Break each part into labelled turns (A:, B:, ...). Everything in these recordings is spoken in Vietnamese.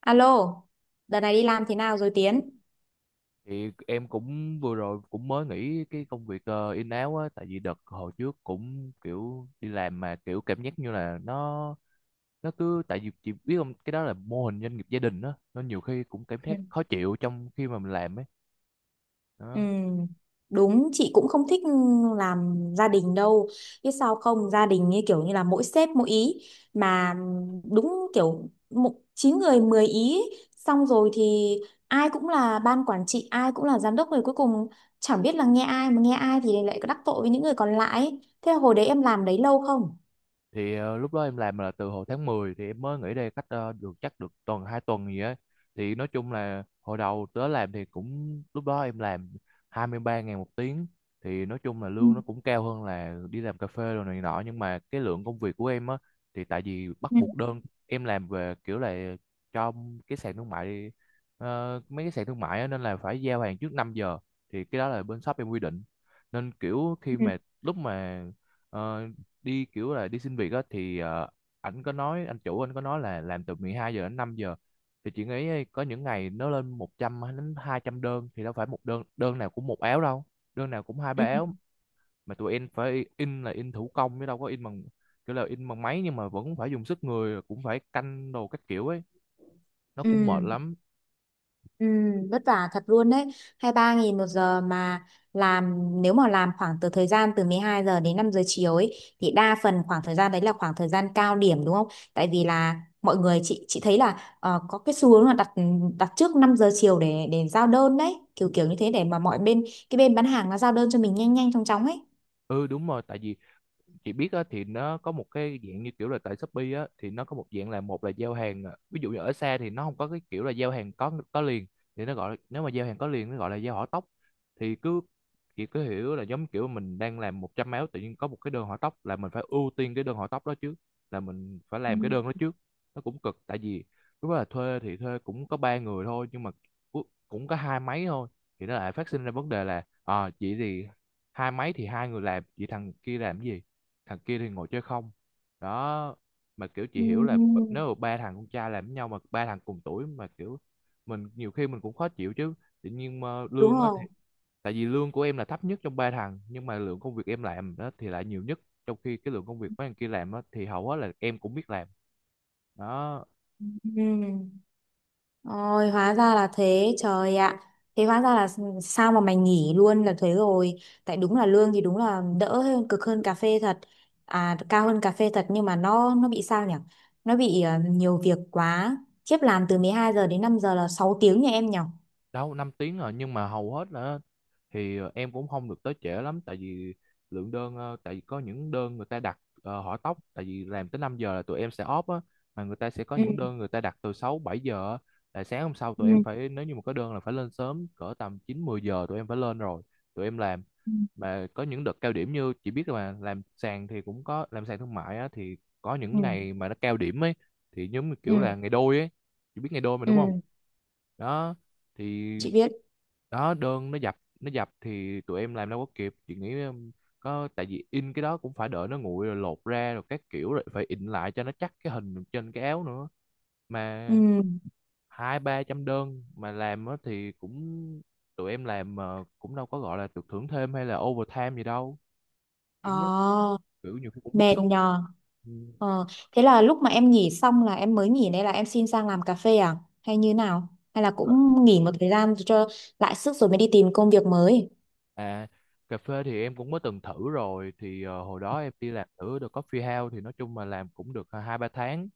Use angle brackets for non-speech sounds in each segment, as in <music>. A: Alo, đợt này đi làm thế nào rồi Tiến?
B: Thì em cũng vừa rồi cũng mới nghỉ cái công việc in áo á, tại vì đợt hồi trước cũng kiểu đi làm mà kiểu cảm giác như là nó cứ tại vì chị biết không, cái đó là mô hình doanh nghiệp gia đình á, nó nhiều khi cũng cảm
A: Ừ.
B: giác khó chịu trong khi mà mình làm ấy
A: Ừ,
B: đó.
A: đúng, chị cũng không thích làm gia đình đâu. Biết sao không, gia đình như kiểu như là mỗi sếp mỗi ý. Mà đúng kiểu một, 9 người 10 ý. Ấy. Xong rồi thì ai cũng là ban quản trị, ai cũng là giám đốc rồi cuối cùng chẳng biết là nghe ai mà nghe ai thì lại đắc tội với những người còn lại ấy. Thế là hồi đấy em làm đấy lâu không?
B: Thì lúc đó em làm là từ hồi tháng 10, thì em mới nghỉ đây cách được chắc được tuần hai tuần gì á. Thì nói chung là hồi đầu tới làm thì cũng lúc đó em làm 23 ngàn một tiếng, thì nói chung là
A: Ừ.
B: lương nó cũng cao hơn là đi làm cà phê rồi này nọ, nhưng mà cái lượng công việc của em á thì tại vì bắt
A: Ừ.
B: buộc đơn em làm về kiểu là cho cái sàn thương mại, mấy cái sàn thương mại á, nên là phải giao hàng trước 5 giờ, thì cái đó là bên shop em quy định. Nên kiểu khi
A: Ừ.
B: mà lúc mà ờ, đi kiểu là đi xin việc á, thì ảnh có nói, anh chủ anh có nói là làm từ 12 giờ đến 5 giờ, thì chị nghĩ ấy, có những ngày nó lên 100 hay đến 200 đơn, thì đâu phải một đơn, đơn nào cũng một áo đâu, đơn nào cũng hai ba
A: Ừ.
B: áo. Mà tụi em phải in là in thủ công chứ đâu có in bằng kiểu là in bằng máy, nhưng mà vẫn phải dùng sức người, cũng phải canh đồ các kiểu ấy, nó
A: Ừ.
B: cũng mệt lắm.
A: Ừ, vất vả thật luôn đấy, 23 nghìn một giờ mà. Làm nếu mà làm khoảng từ thời gian từ 12 giờ đến 5 giờ chiều ấy thì đa phần khoảng thời gian đấy là khoảng thời gian cao điểm đúng không, tại vì là mọi người, chị thấy là có cái xu hướng là đặt đặt trước 5 giờ chiều để giao đơn đấy, kiểu kiểu như thế để mà mọi bên, cái bên bán hàng nó giao đơn cho mình nhanh nhanh chóng chóng ấy.
B: Ừ đúng rồi, tại vì chị biết á, thì nó có một cái dạng như kiểu là tại Shopee á, thì nó có một dạng là một là giao hàng à, ví dụ như ở xa thì nó không có cái kiểu là giao hàng có liền, thì nó gọi là, nếu mà giao hàng có liền nó gọi là giao hỏa tốc. Thì cứ chị cứ hiểu là giống kiểu mình đang làm 100 áo, tự nhiên có một cái đơn hỏa tốc là mình phải ưu tiên cái đơn hỏa tốc đó trước, là mình phải
A: Ừ.
B: làm cái đơn đó trước. Nó cũng cực tại vì lúc đó là thuê thì thuê cũng có ba người thôi, nhưng mà cu- cũng có hai máy thôi, thì nó lại phát sinh ra vấn đề là à, chị thì hai máy thì hai người làm, chị thằng kia làm cái gì, thằng kia thì ngồi chơi không đó. Mà kiểu chị
A: Ừ,
B: hiểu là nếu mà ba thằng con trai làm với nhau mà ba thằng cùng tuổi mà kiểu mình nhiều khi mình cũng khó chịu chứ, tự nhiên mà
A: đúng
B: lương á
A: rồi.
B: thì tại vì lương của em là thấp nhất trong ba thằng, nhưng mà lượng công việc em làm đó thì lại nhiều nhất, trong khi cái lượng công việc mấy thằng kia làm á thì hầu hết là em cũng biết làm đó.
A: Ừ. Ôi, hóa ra là thế, trời ạ. Thế hóa ra là sao mà mày nghỉ luôn là thế rồi. Tại đúng là lương thì đúng là đỡ hơn, cực hơn cà phê thật. À, cao hơn cà phê thật nhưng mà nó bị sao nhỉ? Nó bị nhiều việc quá. Chiếp làm từ 12 giờ đến 5 giờ là 6 tiếng nha em nhỉ?
B: Đâu 5 tiếng rồi, nhưng mà hầu hết là thì em cũng không được tới trễ lắm, tại vì lượng đơn tại vì có những đơn người ta đặt hỏi tóc, tại vì làm tới 5 giờ là tụi em sẽ off á, mà người ta sẽ có
A: Ừ.
B: những đơn người ta đặt từ 6 7 giờ á, là sáng hôm sau tụi
A: Ừ.
B: em phải, nếu như mà có đơn là phải lên sớm cỡ tầm 9 10 giờ tụi em phải lên rồi, tụi em làm.
A: Ừ.
B: Mà có những đợt cao điểm như chị biết là mà làm sàn thì cũng có làm sàn thương mại á, thì có
A: Ừ.
B: những ngày mà nó cao điểm ấy, thì giống như kiểu
A: Ừ.
B: là ngày đôi ấy, chị biết ngày đôi mà đúng không
A: Ừ.
B: đó. Thì
A: Chị biết.
B: đó đơn nó dập, nó dập thì tụi em làm đâu có kịp, chị nghĩ có tại vì in cái đó cũng phải đợi nó nguội rồi lột ra rồi các kiểu rồi phải in lại cho nó chắc cái hình trên cái áo nữa, mà
A: Ừ.
B: hai ba trăm đơn mà làm á thì cũng, tụi em làm mà cũng đâu có gọi là được thưởng thêm hay là overtime gì đâu, cũng rất
A: Ờ.
B: kiểu nhiều khi cũng bức
A: Mệt
B: xúc.
A: nhờ.
B: Ừ.
A: Ờ. Thế là lúc mà em nghỉ xong là em mới nghỉ đây, là em xin sang làm cà phê à, hay như nào, hay là cũng nghỉ một thời gian cho lại sức rồi mới đi tìm công việc mới?
B: À, cà phê thì em cũng mới từng thử rồi thì hồi đó em đi làm thử The Coffee House, thì nói chung mà làm cũng được hai ba tháng,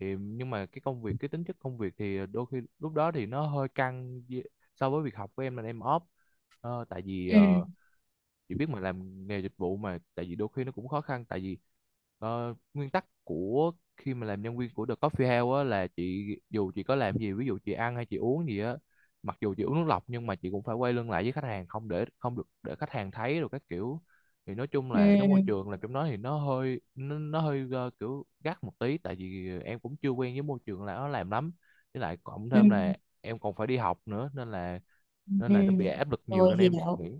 B: thì nhưng mà cái công việc, cái tính chất công việc thì đôi khi lúc đó thì nó hơi căng so với việc học của em là em off. Ờ, tại vì
A: Ừ.
B: chị biết mà làm nghề dịch vụ, mà tại vì đôi khi nó cũng khó khăn, tại vì nguyên tắc của khi mà làm nhân viên của The Coffee House á, là chị dù chị có làm gì, ví dụ chị ăn hay chị uống gì á, mặc dù chị uống nước lọc, nhưng mà chị cũng phải quay lưng lại với khách hàng, không để, không được để khách hàng thấy rồi các kiểu. Thì nói chung là cái môi
A: Ừ.
B: trường làm trong đó thì nó hơi, nó hơi kiểu gắt một tí, tại vì em cũng chưa quen với môi trường là nó làm lắm, với lại cộng
A: Ừ.
B: thêm là em còn phải đi học nữa,
A: Ừ.
B: nên
A: Ừ.
B: là nó bị áp lực nhiều
A: Rồi
B: nên em
A: hiểu.
B: nghĩ,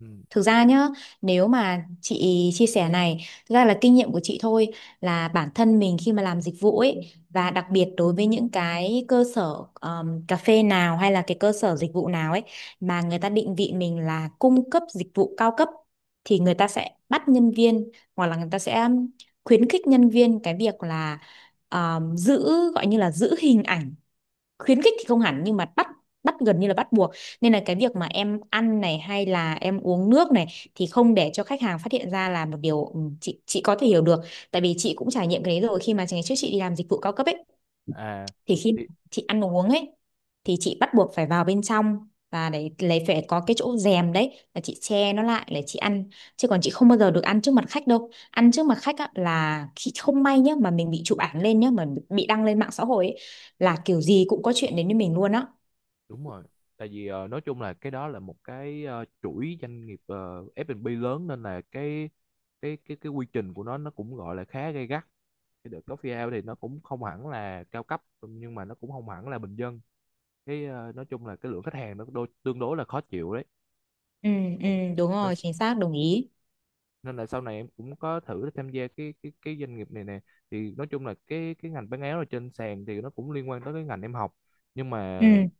B: ừ.
A: Thực ra nhá, nếu mà chị chia sẻ này, thực ra là kinh nghiệm của chị thôi, là bản thân mình khi mà làm dịch vụ ấy, và đặc biệt đối với những cái cơ sở cà phê nào hay là cái cơ sở dịch vụ nào ấy mà người ta định vị mình là cung cấp dịch vụ cao cấp, thì người ta sẽ bắt nhân viên hoặc là người ta sẽ khuyến khích nhân viên cái việc là giữ, gọi như là giữ hình ảnh. Khuyến khích thì không hẳn nhưng mà bắt bắt gần như là bắt buộc, nên là cái việc mà em ăn này hay là em uống nước này thì không để cho khách hàng phát hiện ra là một điều, ừ, chị có thể hiểu được, tại vì chị cũng trải nghiệm cái đấy rồi khi mà ngày trước chị đi làm dịch vụ cao cấp ấy.
B: À
A: Thì khi
B: thì
A: chị ăn uống ấy thì chị bắt buộc phải vào bên trong và để lấy, phải có cái chỗ rèm đấy là chị che nó lại để chị ăn, chứ còn chị không bao giờ được ăn trước mặt khách đâu. Ăn trước mặt khách á, là khi không may nhá mà mình bị chụp ảnh lên nhá, mà bị đăng lên mạng xã hội ấy, là kiểu gì cũng có chuyện đến với mình luôn á.
B: đúng rồi, tại vì nói chung là cái đó là một cái chuỗi doanh nghiệp F&B lớn, nên là cái quy trình của nó cũng gọi là khá gay gắt. Cái The Coffee House thì nó cũng không hẳn là cao cấp, nhưng mà nó cũng không hẳn là bình dân, cái nói chung là cái lượng khách hàng nó đôi, tương đối là khó chịu đấy.
A: Ừ. Ừ,
B: Còn-
A: đúng
B: nên,
A: rồi, chính xác, đồng ý.
B: nên là sau này em cũng có thử tham gia cái doanh nghiệp này nè, thì nói chung là cái ngành bán áo ở trên sàn thì nó cũng liên quan tới cái ngành em học, nhưng mà
A: Ừ,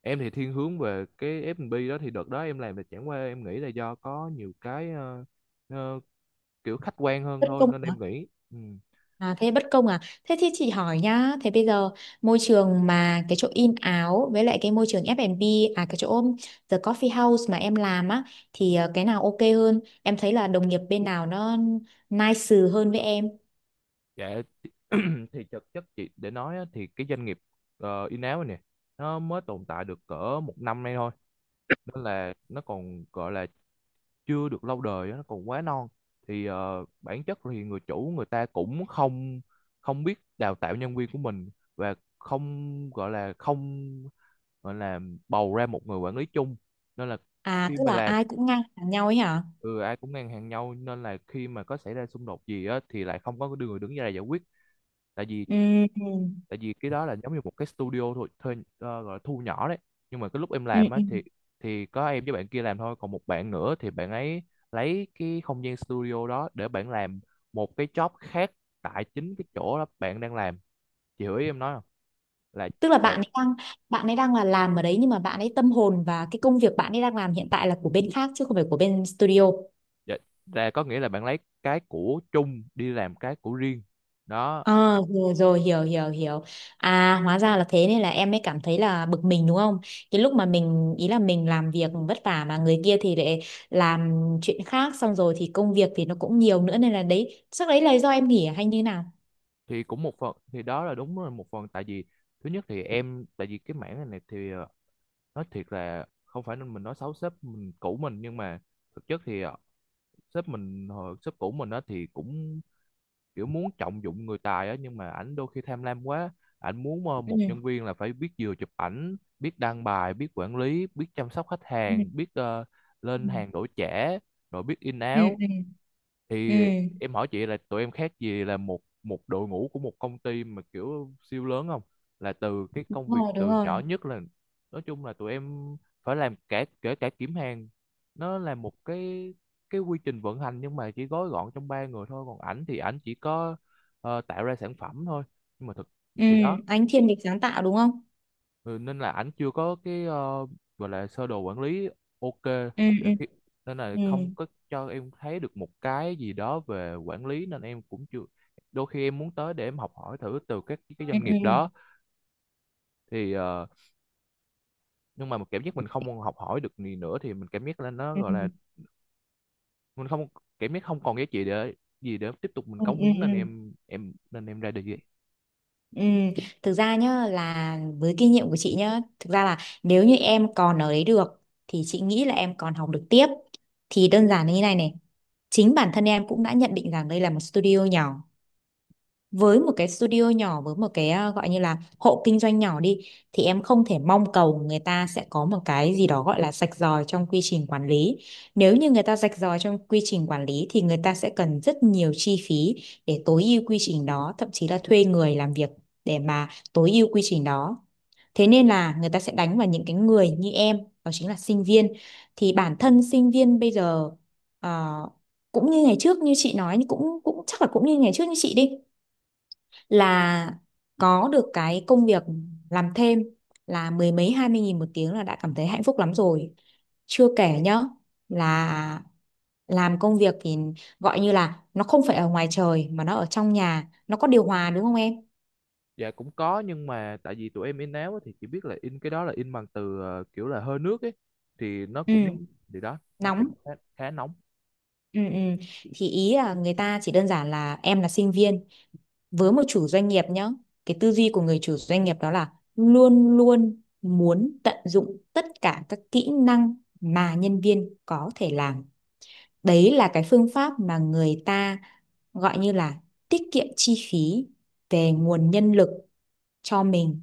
B: em thì thiên hướng về cái F&B đó, thì đợt đó em làm là chẳng qua em nghĩ là do có nhiều cái ờ, kiểu khách quan hơn
A: bất
B: thôi,
A: công.
B: nên em nghĩ ừ.
A: À, thế bất công à? Thế thì chị hỏi nhá, thế bây giờ môi trường mà cái chỗ in áo với lại cái môi trường F&B, à cái chỗ The Coffee House mà em làm á, thì cái nào ok hơn? Em thấy là đồng nghiệp bên nào nó nice hơn với em.
B: Dạ. <clears throat> Thì thực chất chị để nói á, thì cái doanh nghiệp in-house này nè, nó mới tồn tại được cỡ 1 năm nay thôi, nên là nó còn gọi là chưa được lâu đời á, nó còn quá non. Thì bản chất thì người chủ người ta cũng không không biết đào tạo nhân viên của mình, và không gọi là không gọi là bầu ra một người quản lý chung, nên là
A: À
B: khi
A: tức
B: mà
A: là
B: làm
A: ai cũng ngang hàng nhau ấy hả?
B: ừ, ai cũng ngang hàng nhau, nên là khi mà có xảy ra xung đột gì á thì lại không có người đứng ra để giải quyết, tại vì
A: Ừ, ừ,
B: tại vì cái đó là giống như một cái studio thôi, thuê gọi là thu nhỏ đấy. Nhưng mà cái lúc em
A: ừ.
B: làm á
A: Ừ.
B: thì có em với bạn kia làm thôi, còn một bạn nữa thì bạn ấy lấy cái không gian studio đó để bạn làm một cái job khác, tại chính cái chỗ đó bạn đang làm, chị hiểu ý em nói không, là
A: Tức là
B: bạn,
A: bạn ấy đang, bạn ấy đang là làm ở đấy nhưng mà bạn ấy tâm hồn và cái công việc bạn ấy đang làm hiện tại là của bên khác chứ không phải của bên studio.
B: dạ, là có nghĩa là bạn lấy cái của chung đi làm cái của riêng đó.
A: Ờ, rồi rồi, hiểu hiểu hiểu. À hóa ra là thế, nên là em mới cảm thấy là bực mình đúng không, cái lúc mà mình ý là mình làm việc vất vả mà người kia thì lại làm chuyện khác, xong rồi thì công việc thì nó cũng nhiều nữa, nên là đấy chắc đấy là do em nghỉ à, hay như nào?
B: Thì cũng một phần, thì đó là đúng là một phần tại vì thứ nhất thì em tại vì cái mảng này, này thì nói thiệt là không phải nên mình nói xấu sếp mình cũ mình, nhưng mà thực chất thì sếp mình hồi sếp cũ mình á, thì cũng kiểu muốn trọng dụng người tài á, nhưng mà ảnh đôi khi tham lam quá, ảnh muốn một
A: Ừ.
B: nhân viên là phải biết vừa chụp ảnh, biết đăng bài, biết quản lý, biết chăm sóc khách hàng,
A: Ừ.
B: biết lên hàng
A: Ừ.
B: đổi trẻ, rồi biết in
A: Ừ.
B: áo.
A: Ừ. Ừ.
B: Thì em hỏi chị là tụi em khác gì là một một đội ngũ của một công ty mà kiểu siêu lớn không, là từ cái
A: Đúng
B: công việc
A: rồi, đúng
B: từ
A: rồi.
B: nhỏ nhất là, nói chung là tụi em phải làm cả kể cả kiểm hàng, nó là một cái quy trình vận hành, nhưng mà chỉ gói gọn trong ba người thôi, còn ảnh thì ảnh chỉ có tạo ra sản phẩm thôi, nhưng mà thực
A: Ừ,
B: thì đó.
A: anh thiên về sáng tạo đúng không?
B: Ừ, nên là ảnh chưa có cái gọi là sơ đồ quản lý, ok,
A: Ừ.
B: để
A: Ừ.
B: khi, nên là
A: Ừ.
B: không có cho em thấy được một cái gì đó về quản lý, nên em cũng chưa, đôi khi em muốn tới để em học hỏi thử từ các cái
A: Ừ.
B: doanh nghiệp
A: Ừ.
B: đó. Thì nhưng mà mình cảm giác mình không học hỏi được gì nữa, thì mình cảm giác là nó
A: Ừ.
B: gọi là mình không, cảm giác không còn giá trị để gì để tiếp tục mình
A: Ừ.
B: cống
A: Ừ.
B: hiến,
A: Ừ.
B: nên
A: Ừ.
B: em nên em ra đi.
A: Ừ, thực ra nhá là với kinh nghiệm của chị nhá, thực ra là nếu như em còn ở đấy được thì chị nghĩ là em còn học được tiếp. Thì đơn giản là như này này, chính bản thân em cũng đã nhận định rằng đây là một studio nhỏ, với một cái studio nhỏ với một cái à, gọi như là hộ kinh doanh nhỏ đi, thì em không thể mong cầu người ta sẽ có một cái gì đó gọi là rạch ròi trong quy trình quản lý. Nếu như người ta rạch ròi trong quy trình quản lý thì người ta sẽ cần rất nhiều chi phí để tối ưu quy trình đó, thậm chí là thuê người làm việc để mà tối ưu quy trình đó. Thế nên là người ta sẽ đánh vào những cái người như em, đó chính là sinh viên. Thì bản thân sinh viên bây giờ ờ, cũng như ngày trước như chị nói, cũng cũng chắc là cũng như ngày trước như chị đi, là có được cái công việc làm thêm là mười mấy 20 nghìn một tiếng là đã cảm thấy hạnh phúc lắm rồi. Chưa kể nhá, là làm công việc thì gọi như là nó không phải ở ngoài trời mà nó ở trong nhà, nó có điều hòa đúng không em?
B: Dạ cũng có, nhưng mà tại vì tụi em in áo á, thì chỉ biết là in cái đó là in bằng từ kiểu là hơi nước ấy, thì nó
A: Ừ,
B: cũng, thì đó nó cũng
A: nóng.
B: khá, khá nóng.
A: Ừ. Ừ, thì ý là người ta chỉ đơn giản là em là sinh viên, với một chủ doanh nghiệp nhá, cái tư duy của người chủ doanh nghiệp đó là luôn luôn muốn tận dụng tất cả các kỹ năng mà nhân viên có thể làm. Đấy là cái phương pháp mà người ta gọi như là tiết kiệm chi phí về nguồn nhân lực cho mình.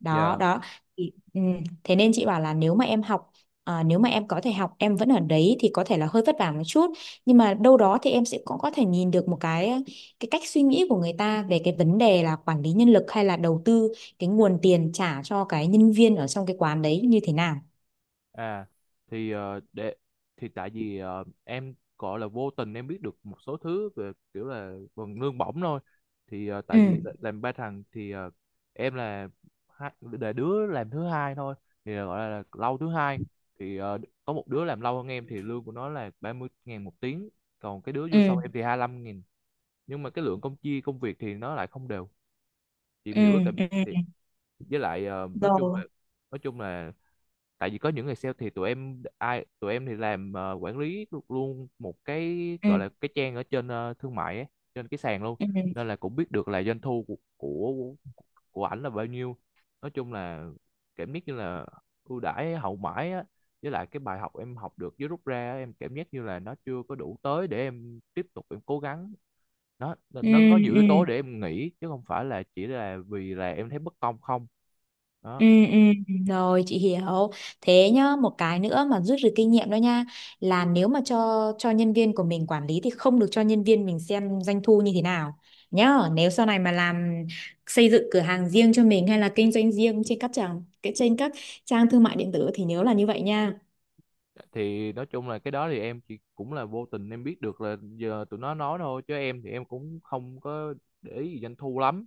A: Đó
B: Dạ.
A: đó, thì, ừ, thế nên chị bảo là nếu mà em học, à, nếu mà em có thể học em vẫn ở đấy thì có thể là hơi vất vả một chút nhưng mà đâu đó thì em sẽ cũng có thể nhìn được một cái cách suy nghĩ của người ta về cái vấn đề là quản lý nhân lực hay là đầu tư cái nguồn tiền trả cho cái nhân viên ở trong cái quán đấy như thế nào.
B: À thì để thì tại vì em gọi là vô tình em biết được một số thứ về kiểu là phần lương bổng thôi, thì tại vì
A: Ừ.
B: làm ba thằng thì em là hai, là đứa làm thứ hai thôi, thì gọi là lâu thứ hai, thì có một đứa làm lâu hơn em thì lương của nó là 30 ngàn một tiếng, còn cái đứa vô sau
A: Ừ.
B: em thì 25 nghìn, nhưng mà cái lượng công chia công việc thì nó lại không đều, chị
A: Ừ.
B: hiểu cái cảm.
A: Ừ. Ừ.
B: Thì với lại nói chung là,
A: Rồi.
B: nói chung là tại vì có những người sale, thì tụi em ai tụi em thì làm quản lý luôn một cái
A: Ừ.
B: gọi là cái trang ở trên thương mại ấy, trên cái sàn luôn,
A: Ừ.
B: nên là cũng biết được là doanh thu của của ảnh là bao nhiêu. Nói chung là cảm giác như là ưu đãi hậu mãi á, với lại cái bài học em học được với rút ra á, em cảm giác như là nó chưa có đủ tới để em tiếp tục em cố gắng, nó nó
A: Ừ.
B: nó có nhiều
A: Ừ.
B: yếu tố để em nghĩ, chứ không phải là chỉ là vì là em thấy bất công không đó.
A: Ừ, ừ, rồi chị hiểu. Thế nhá, một cái nữa mà rút được kinh nghiệm đó nha, là nếu mà cho nhân viên của mình quản lý thì không được cho nhân viên mình xem doanh thu như thế nào nhá. Nếu sau này mà làm, xây dựng cửa hàng riêng cho mình hay là kinh doanh riêng trên các trang, cái trên các trang thương mại điện tử thì nhớ là như vậy nha.
B: Thì nói chung là cái đó thì em chỉ cũng là vô tình em biết được là giờ tụi nó nói thôi, chứ em thì em cũng không có để ý gì doanh thu lắm,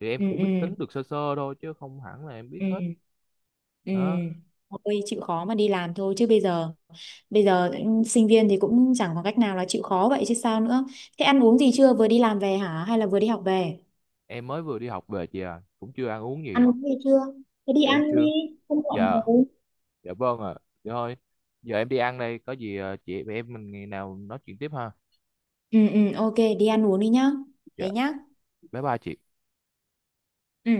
B: thì em
A: Ừ,
B: cũng biết
A: ừ.
B: tính được sơ sơ thôi chứ không hẳn là em biết
A: Ừ.
B: hết
A: Ừ.
B: đó.
A: Thôi chịu khó mà đi làm thôi, chứ bây giờ, bây giờ sinh viên thì cũng chẳng có cách nào, là chịu khó vậy chứ sao nữa. Thế ăn uống gì chưa, vừa đi làm về hả hay là vừa đi học về?
B: Em mới vừa đi học về chị à, cũng chưa ăn uống gì.
A: Ăn uống gì chưa? Thế đi
B: Dạ, em
A: ăn đi,
B: chưa.
A: không muộn
B: Dạ,
A: rồi.
B: dạ vâng ạ, à. Dạ thôi, giờ em đi ăn đây, có gì à, chị em mình ngày nào nói chuyện tiếp ha.
A: Ừ ừ, ok, đi ăn uống đi nhá.
B: Dạ,
A: Thế nhá.
B: bye bye chị.
A: Ừ.